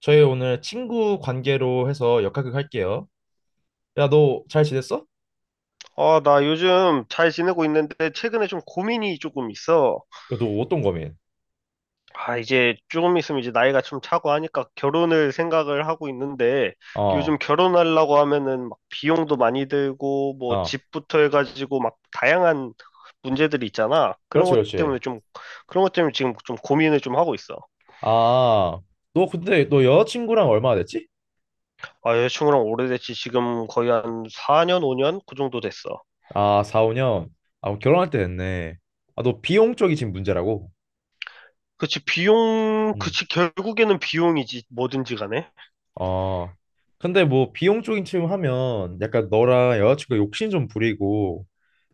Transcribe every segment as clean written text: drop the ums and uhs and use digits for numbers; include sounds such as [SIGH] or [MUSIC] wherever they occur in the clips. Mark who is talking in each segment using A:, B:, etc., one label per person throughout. A: 저희 오늘 친구 관계로 해서 역학극 할게요. 야, 너 잘 지냈어?
B: 아, 나 요즘 잘 지내고 있는데 최근에 좀 고민이 조금 있어.
A: 야, 너 어떤 고민?
B: 아, 이제 조금 있으면 이제 나이가 좀 차고 하니까 결혼을 생각을 하고 있는데
A: 어,
B: 요즘 결혼하려고 하면은 막 비용도 많이 들고 뭐
A: 어.
B: 집부터 해가지고 막 다양한 문제들이 있잖아.
A: 그렇지, 그렇지.
B: 그런 것 때문에 지금 좀 고민을 좀 하고 있어.
A: 아, 너 근데 너 여자친구랑 얼마나 됐지?
B: 아, 여자친구랑 오래됐지 지금 거의 한 4년, 5년 그 정도 됐어.
A: 아, 4, 5년. 아, 그럼 결혼할 때 됐네. 아, 너 비용 쪽이 지금 문제라고?
B: 그치, 비용,
A: 응.
B: 그치, 결국에는 비용이지, 뭐든지 간에.
A: 어. 근데 뭐 비용 쪽인 지금 하면 약간 너랑 여자친구 욕심 좀 부리고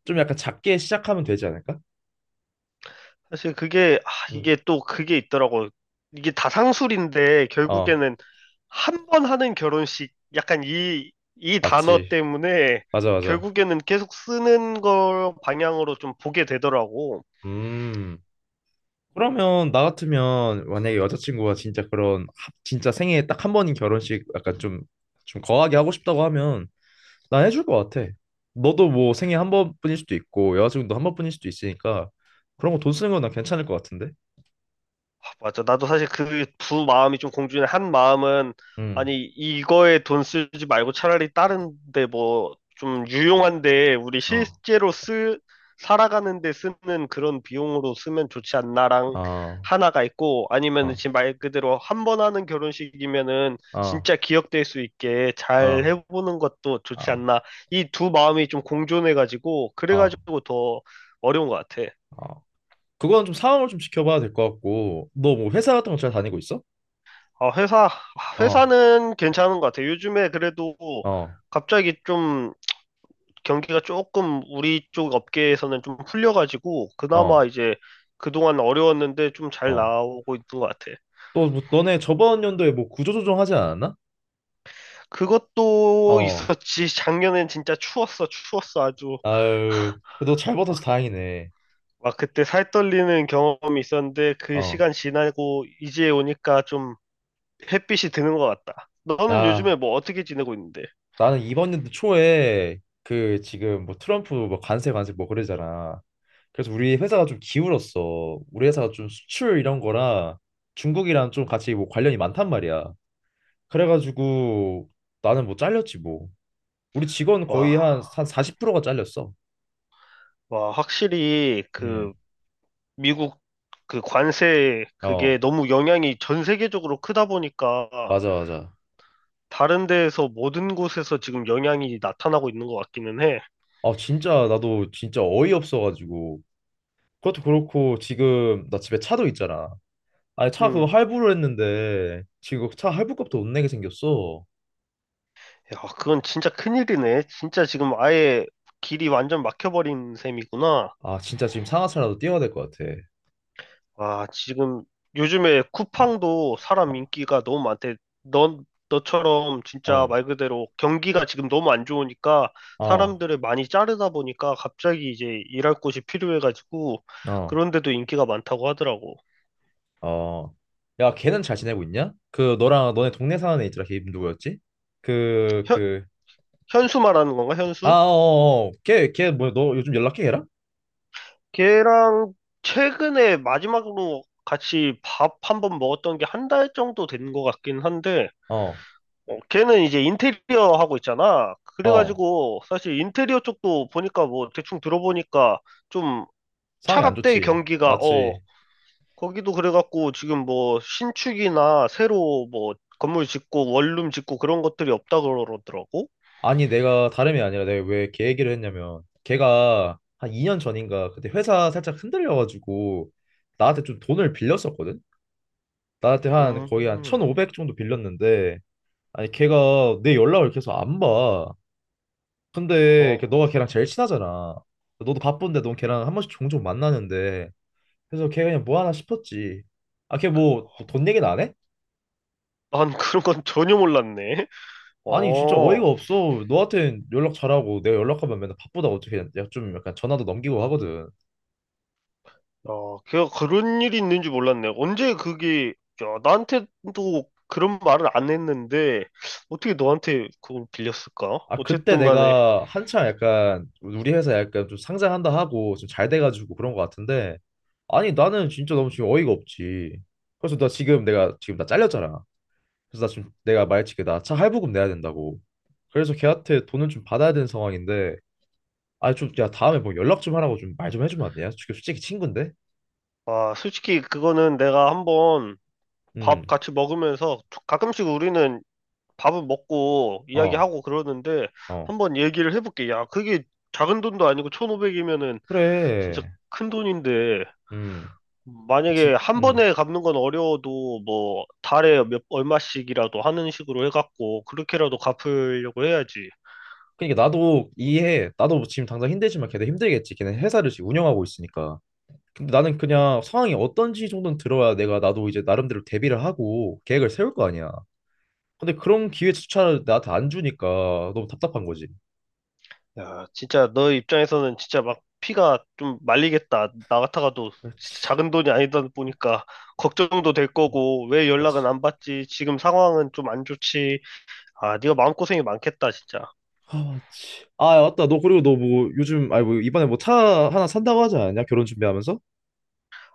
A: 좀 약간 작게 시작하면 되지 않을까?
B: 사실 그게, 아,
A: 응.
B: 이게 또 그게 있더라고. 이게 다상술인데,
A: 어,
B: 결국에는 한 번 하는 결혼식, 약간 이 단어
A: 맞지.
B: 때문에
A: 맞아, 맞아.
B: 결국에는 계속 쓰는 걸 방향으로 좀 보게 되더라고.
A: 음. 그러면 나 같으면 만약에 여자친구가 진짜 그런 진짜 생애에 딱 한 번인 결혼식 약간 좀 좀 거하게 하고 싶다고 하면 난 해줄 것 같아. 너도 뭐 생애 한 번뿐일 수도 있고 여자친구도 한 번뿐일 수도 있으니까 그런 거 돈 쓰는 건 난 괜찮을 것 같은데.
B: 맞아. 나도 사실 그 두 마음이 좀 공존해. 한 마음은,
A: 응.
B: 아니, 이거에 돈 쓰지 말고 차라리 다른데 뭐, 좀 유용한데, 우리
A: 어.
B: 실제로 살아가는데 쓰는 그런 비용으로 쓰면 좋지 않나랑
A: 아,
B: 하나가 있고, 아니면
A: 아,
B: 지금 말 그대로 한 번 하는 결혼식이면은
A: 아,
B: 진짜 기억될 수 있게 잘
A: 아,
B: 해보는 것도 좋지
A: 아,
B: 않나. 이 두 마음이 좀 공존해가지고,
A: 아,
B: 그래가지고 더 어려운 것 같아.
A: 아. 그건 좀 상황을 좀 지켜봐야 될 것 같고, 너 뭐 회사 같은 거 잘 다니고 있어?
B: 아, 회사,
A: 어,
B: 회사는 괜찮은 것 같아요. 요즘에 그래도
A: 어,
B: 갑자기 좀 경기가 조금 우리 쪽 업계에서는 좀 풀려가지고,
A: 어,
B: 그나마 이제 그동안 어려웠는데 좀 잘
A: 어.
B: 나오고 있는 것 같아.
A: 또 뭐, 너네 저번 연도에 뭐 구조조정 하지 않았나?
B: 그것도
A: 어,
B: 있었지. [LAUGHS] 작년엔 진짜 추웠어, 추웠어. 아주
A: 아유, 그래도 잘 버텨서
B: 막,
A: 다행이네.
B: 막 그때 살 떨리는 경험이 있었는데, 그
A: 어.
B: 시간 지나고 이제 오니까 좀 햇빛이 드는 것 같다. 너는
A: 야,
B: 요즘에 뭐 어떻게 지내고 있는데?
A: 나는 이번 연도 초에 그 지금 뭐 트럼프 뭐 관세 뭐 그러잖아. 그래서 우리 회사가 좀 기울었어. 우리 회사가 좀 수출 이런 거랑 중국이랑 좀 같이 뭐 관련이 많단 말이야. 그래가지고 나는 뭐 잘렸지 뭐. 우리 직원 거의
B: 와.
A: 한 40%가 잘렸어.
B: 와, 확실히
A: 음.
B: 그 미국 그 관세 그게
A: 어,
B: 너무 영향이 전 세계적으로 크다 보니까
A: 맞아, 맞아.
B: 다른 데에서 모든 곳에서 지금 영향이 나타나고 있는 것 같기는 해.
A: 아, 진짜 나도 진짜 어이없어가지고. 그것도 그렇고 지금 나 집에 차도 있잖아. 아니 차 그거
B: 음.
A: 할부로 했는데 지금 그차 할부값도 못 내게 생겼어.
B: 야, 그건 진짜 큰일이네. 진짜 지금 아예 길이 완전 막혀버린 셈이구나.
A: 아 진짜 지금 상하차라도 뛰어야 될 것 같아.
B: 아, 지금 요즘에 쿠팡도
A: 어,
B: 사람 인기가 너무 많대. 너처럼 진짜
A: 어,
B: 말 그대로 경기가 지금 너무 안 좋으니까
A: 어,
B: 사람들을 많이 자르다 보니까 갑자기 이제 일할 곳이 필요해가지고
A: 어.
B: 그런데도 인기가 많다고 하더라고.
A: 어. 야, 걔는 잘 지내고 있냐? 그 너랑 너네 동네 사는 애 있더라. 걔 이름 누구였지? 그
B: 현,
A: 그
B: 현수 말하는 건가,
A: 아, 어,
B: 현수?
A: 어. 어. 걔 뭐 너 요즘 연락해 걔랑?
B: 걔랑 최근에 마지막으로 같이 밥 한번 먹었던 게 한 달 정도 된 것 같긴 한데
A: 어,
B: 걔는 이제 인테리어 하고 있잖아.
A: 어.
B: 그래가지고 사실 인테리어 쪽도 보니까 뭐 대충 들어보니까 좀
A: 상황이 안
B: 차갑대
A: 좋지.
B: 경기가
A: 맞지?
B: 거기도 그래갖고 지금 뭐 신축이나 새로 뭐 건물 짓고 원룸 짓고 그런 것들이 없다 그러더라고.
A: 아니 내가 다름이 아니라 내가 왜 걔 얘기를 했냐면 걔가 한 2년 전인가 그때 회사 살짝 흔들려가지고 나한테 좀 돈을 빌렸었거든? 나한테 한 거의 한
B: 음,
A: 1,500 정도 빌렸는데 아니 걔가 내 연락을 계속 안 봐. 근데
B: 어,
A: 너가 걔랑 제일 친하잖아. 너도 바쁜데 넌 걔랑 한 번씩 종종 만나는데 그래서 걔 그냥 뭐 하나 싶었지. 아 걔뭐 뭐 돈 얘기는 안 해?
B: 난 그런 건 전혀 몰랐네.
A: 아니 진짜
B: 어.
A: 어이가 없어. 너한텐 연락 잘하고 내가 연락하면 맨날 바쁘다고 어떻게 야, 좀 약간 전화도 넘기고 하거든.
B: 어, 걔가 그런 일이 있는지 몰랐네. 언제 그게, 야, 나한테도 그런 말을 안 했는데, 어떻게 너한테 그걸 빌렸을까?
A: 아 그때
B: 어쨌든 간에,
A: 내가 한참 약간 우리 회사 약간 좀 상장한다 하고 좀 잘 돼가지고 그런 것 같은데 아니 나는 진짜 너무 지금 어이가 없지 그래서 나 지금 내가 지금 나 잘렸잖아 그래서 나 지금 내가 말했지 나차 할부금 내야 된다고 그래서 걔한테 돈을 좀 받아야 되는 상황인데 아니 좀 야 다음에 뭐 연락 좀 하라고 좀 말 좀 해주면 안 돼요? 솔직히 친구인데
B: 아, 솔직히 그거는 내가 한번 밥 같이 먹으면서, 가끔씩 우리는 밥을 먹고
A: 음어어
B: 이야기하고 그러는데, 한번 얘기를 해볼게. 야, 그게 작은 돈도 아니고 1,500이면은 진짜
A: 그래
B: 큰 돈인데,
A: 음
B: 만약에
A: 진,
B: 한
A: 음
B: 번에 갚는 건 어려워도 뭐 달에 몇 얼마씩이라도 하는 식으로 해갖고 그렇게라도 갚으려고 해야지.
A: 그러니까 나도 이해해 나도 뭐 지금 당장 힘들지만 걔네 힘들겠지 걔네 회사를 지금 운영하고 있으니까 근데 나는 그냥 상황이 어떤지 정도는 들어야 내가 나도 이제 나름대로 대비를 하고 계획을 세울 거 아니야. 근데 그런 기회조차 나한테 안 주니까 너무 답답한 거지.
B: 야, 진짜 너 입장에서는 진짜 막 피가 좀 말리겠다. 나 같아가도
A: 그렇지,
B: 진짜 작은 돈이 아니다 보니까 걱정도 될 거고 왜 연락은
A: 맞지.
B: 안 받지? 지금 상황은 좀 안 좋지. 아, 네가 마음고생이 많겠다, 진짜.
A: 아, 맞지. 아, 맞다. 너 그리고 너 뭐 요즘 아니 뭐 이번에 뭐 차 하나 산다고 하지 않았냐? 결혼 준비하면서?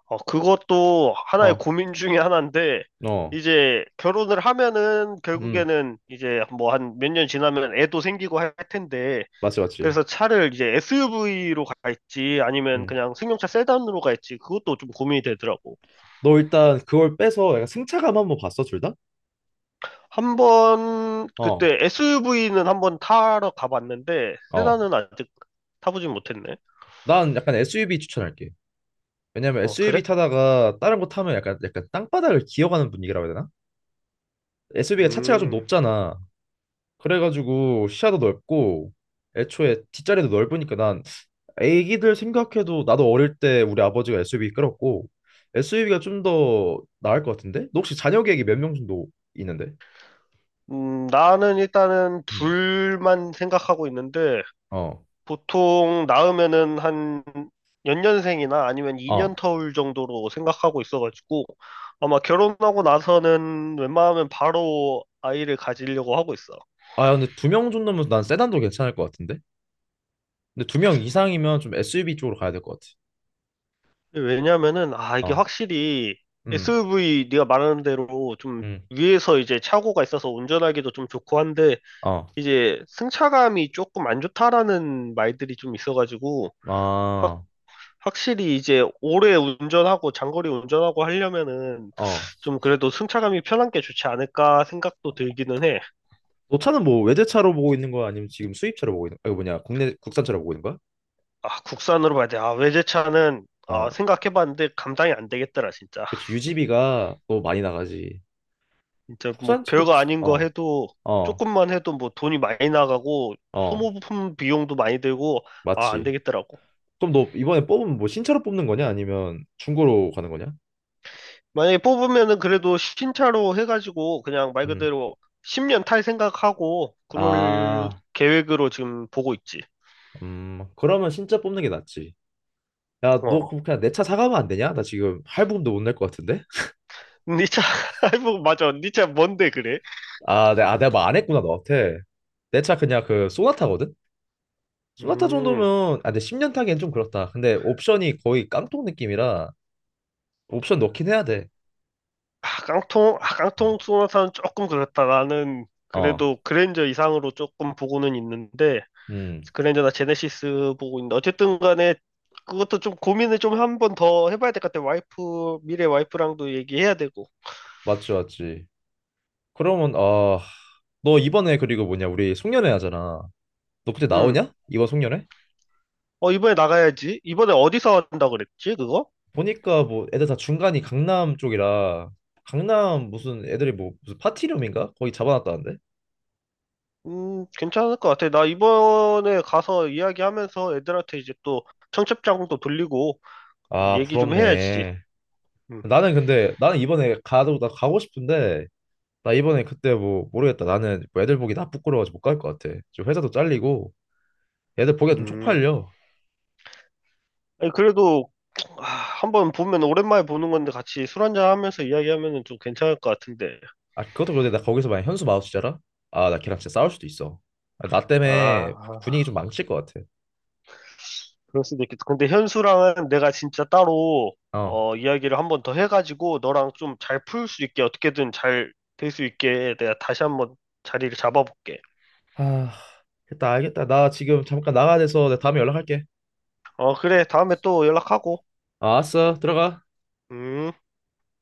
B: 어, 그것도 하나의
A: 어,
B: 고민 중에 하나인데,
A: 어,
B: 이제 결혼을 하면은
A: 음,
B: 결국에는 이제 뭐 한 몇 년 지나면 애도 생기고 할 텐데,
A: 맞지, 맞지.
B: 그래서 차를 이제 SUV로 갈지 아니면
A: 음,
B: 그냥 승용차 세단으로 갈지 그것도 좀 고민이 되더라고.
A: 너 일단 그걸 빼서 약간 승차감 한번 봤어, 둘 다?
B: 한 번
A: 어,
B: 그때 SUV는 한 번 타러 가봤는데,
A: 어.
B: 세단은 아직 타보진 못했네.
A: 난 약간 SUV 추천할게. 왜냐면
B: 어, 그래?
A: SUV 타다가 다른 거 타면 약간 땅바닥을 기어가는 분위기라고 해야 되나? SUV가 차체가 좀
B: 음,
A: 높잖아. 그래가지고 시야도 넓고 애초에 뒷자리도 넓으니까 난 애기들 생각해도 나도 어릴 때 우리 아버지가 SUV 끌었고 SUV가 좀 더 나을 것 같은데? 너 혹시 자녀 계획이 몇 명 정도 있는데?
B: 나는 일단은
A: 음.
B: 둘만 생각하고 있는데,
A: 어.
B: 보통 낳으면은 한 연년생이나 아니면 2년
A: 어.
B: 터울 정도로 생각하고 있어가지고 아마 결혼하고 나서는 웬만하면 바로 아이를 가지려고 하고 있어.
A: 아 근데 2명 정도면 난 세단도 괜찮을 것 같은데? 근데 2명 이상이면 좀 SUV 쪽으로 가야 될 것
B: 왜냐면은
A: 같아.
B: 이게
A: 어.
B: 확실히
A: 음.
B: SUV 네가 말하는 대로 좀
A: 음.
B: 위에서 이제 차고가 있어서 운전하기도 좀 좋고 한데
A: 어.
B: 이제 승차감이 조금 안 좋다라는 말들이 좀 있어가지고
A: 아.
B: 확실히 이제 오래 운전하고 장거리 운전하고 하려면은
A: 어.
B: 좀 그래도 승차감이 편한 게 좋지 않을까 생각도 들기는 해.
A: 너 차는 뭐 외제차로 보고 있는 거야? 아니면 지금 수입차로 보고 있는 거야? 이거 뭐냐? 국내 국산차로 보고 있는 거야?
B: 아, 국산으로 봐야 돼. 아, 외제차는
A: 어,
B: 생각해봤는데 감당이 안 되겠더라, 진짜.
A: 그렇지. 유지비가 너무 많이 나가지.
B: 진짜 뭐
A: 국산차도
B: 별거
A: 부산,
B: 아닌 거
A: 어,
B: 해도
A: 어,
B: 조금만 해도 뭐 돈이 많이 나가고
A: 어,
B: 소모품 비용도 많이 들고 아, 안
A: 맞지.
B: 되겠더라고.
A: 그럼 너 이번에 뽑으면 뭐 신차로 뽑는 거냐? 아니면 중고로 가는 거냐?
B: 만약에 뽑으면은 그래도 신차로 해가지고 그냥 말
A: 음,
B: 그대로 10년 탈 생각하고 그럴
A: 아,
B: 계획으로 지금 보고 있지.
A: 그러면 신차 뽑는 게 낫지. 야, 너
B: 어.
A: 그냥 내 차 사가면 안 되냐? 나 지금 할부금도 못 낼 것 같은데?
B: 니차, [LAUGHS] 아이고, 맞아. 니차 뭔데 그래?
A: 아, 내가, 아, 내가 말 안 했구나, 너한테. 내 차 그냥 그 소나타거든? 소나타
B: 음,
A: 정도면, 아, 근데 10년 타기엔 좀 그렇다. 근데 옵션이 거의 깡통 느낌이라 옵션 넣긴 해야 돼.
B: 아,
A: 음.
B: 깡통 소나타는 조금 그렇다. 나는
A: 어.
B: 그래도 그랜저 이상으로 조금 보고는 있는데,
A: 음.
B: 그랜저나 제네시스 보고 있는데, 어쨌든 간에 그것도 좀 고민을 좀 한 번 더 해봐야 될 것 같아. 미래 와이프랑도 얘기해야 되고.
A: 맞지, 맞지. 그러면, 아, 너 이번에 그리고 뭐냐, 우리 송년회 하잖아. 너 그때
B: 음,
A: 나오냐? 이번 송년회?
B: 어, 이번에 나가야지. 이번에 어디서 한다 그랬지, 그거?
A: 보니까 뭐 애들 다 중간이 강남 쪽이라, 강남 무슨 애들이 뭐 무슨 파티룸인가? 거기 잡아놨다는데?
B: 괜찮을 것 같아. 나 이번에 가서 이야기하면서 애들한테 이제 또 청첩장도 돌리고
A: 아,
B: 얘기 좀 해야지.
A: 부럽네.
B: 음.
A: 나는 근데, 나는 이번에 가도, 나 가고 싶은데, 나 이번에 그때 뭐 모르겠다. 나는 뭐 애들 보기 나 부끄러워서 못 갈 것 같아. 지금 회사도 잘리고, 애들 보기가 좀
B: 음.
A: 쪽팔려.
B: 아니, 그래도 아, 한번 보면 오랜만에 보는 건데 같이 술 한잔 하면서 이야기하면은 좀 괜찮을 것 같은데.
A: 아 그것도 그런데 나 거기서 만약 현수 마우스잖아? 아 나 걔랑 진짜 싸울 수도 있어. 아, 나
B: 아,
A: 때문에
B: 아,
A: 분위기 좀 망칠 것 같아.
B: 그럴 수도 있겠다. 근데 현수랑은 내가 진짜 따로
A: 어.
B: 이야기를 한번 더 해가지고 너랑 좀 잘 풀 수 있게 어떻게든 잘 될 수 있게 내가 다시 한번 자리를 잡아볼게.
A: 아, 됐다 알겠다. 나 지금 잠깐 나가야 돼서 내가 다음에 연락할게.
B: 어, 그래. 다음에 또 연락하고.
A: 아, 알았어 들어가.
B: 음.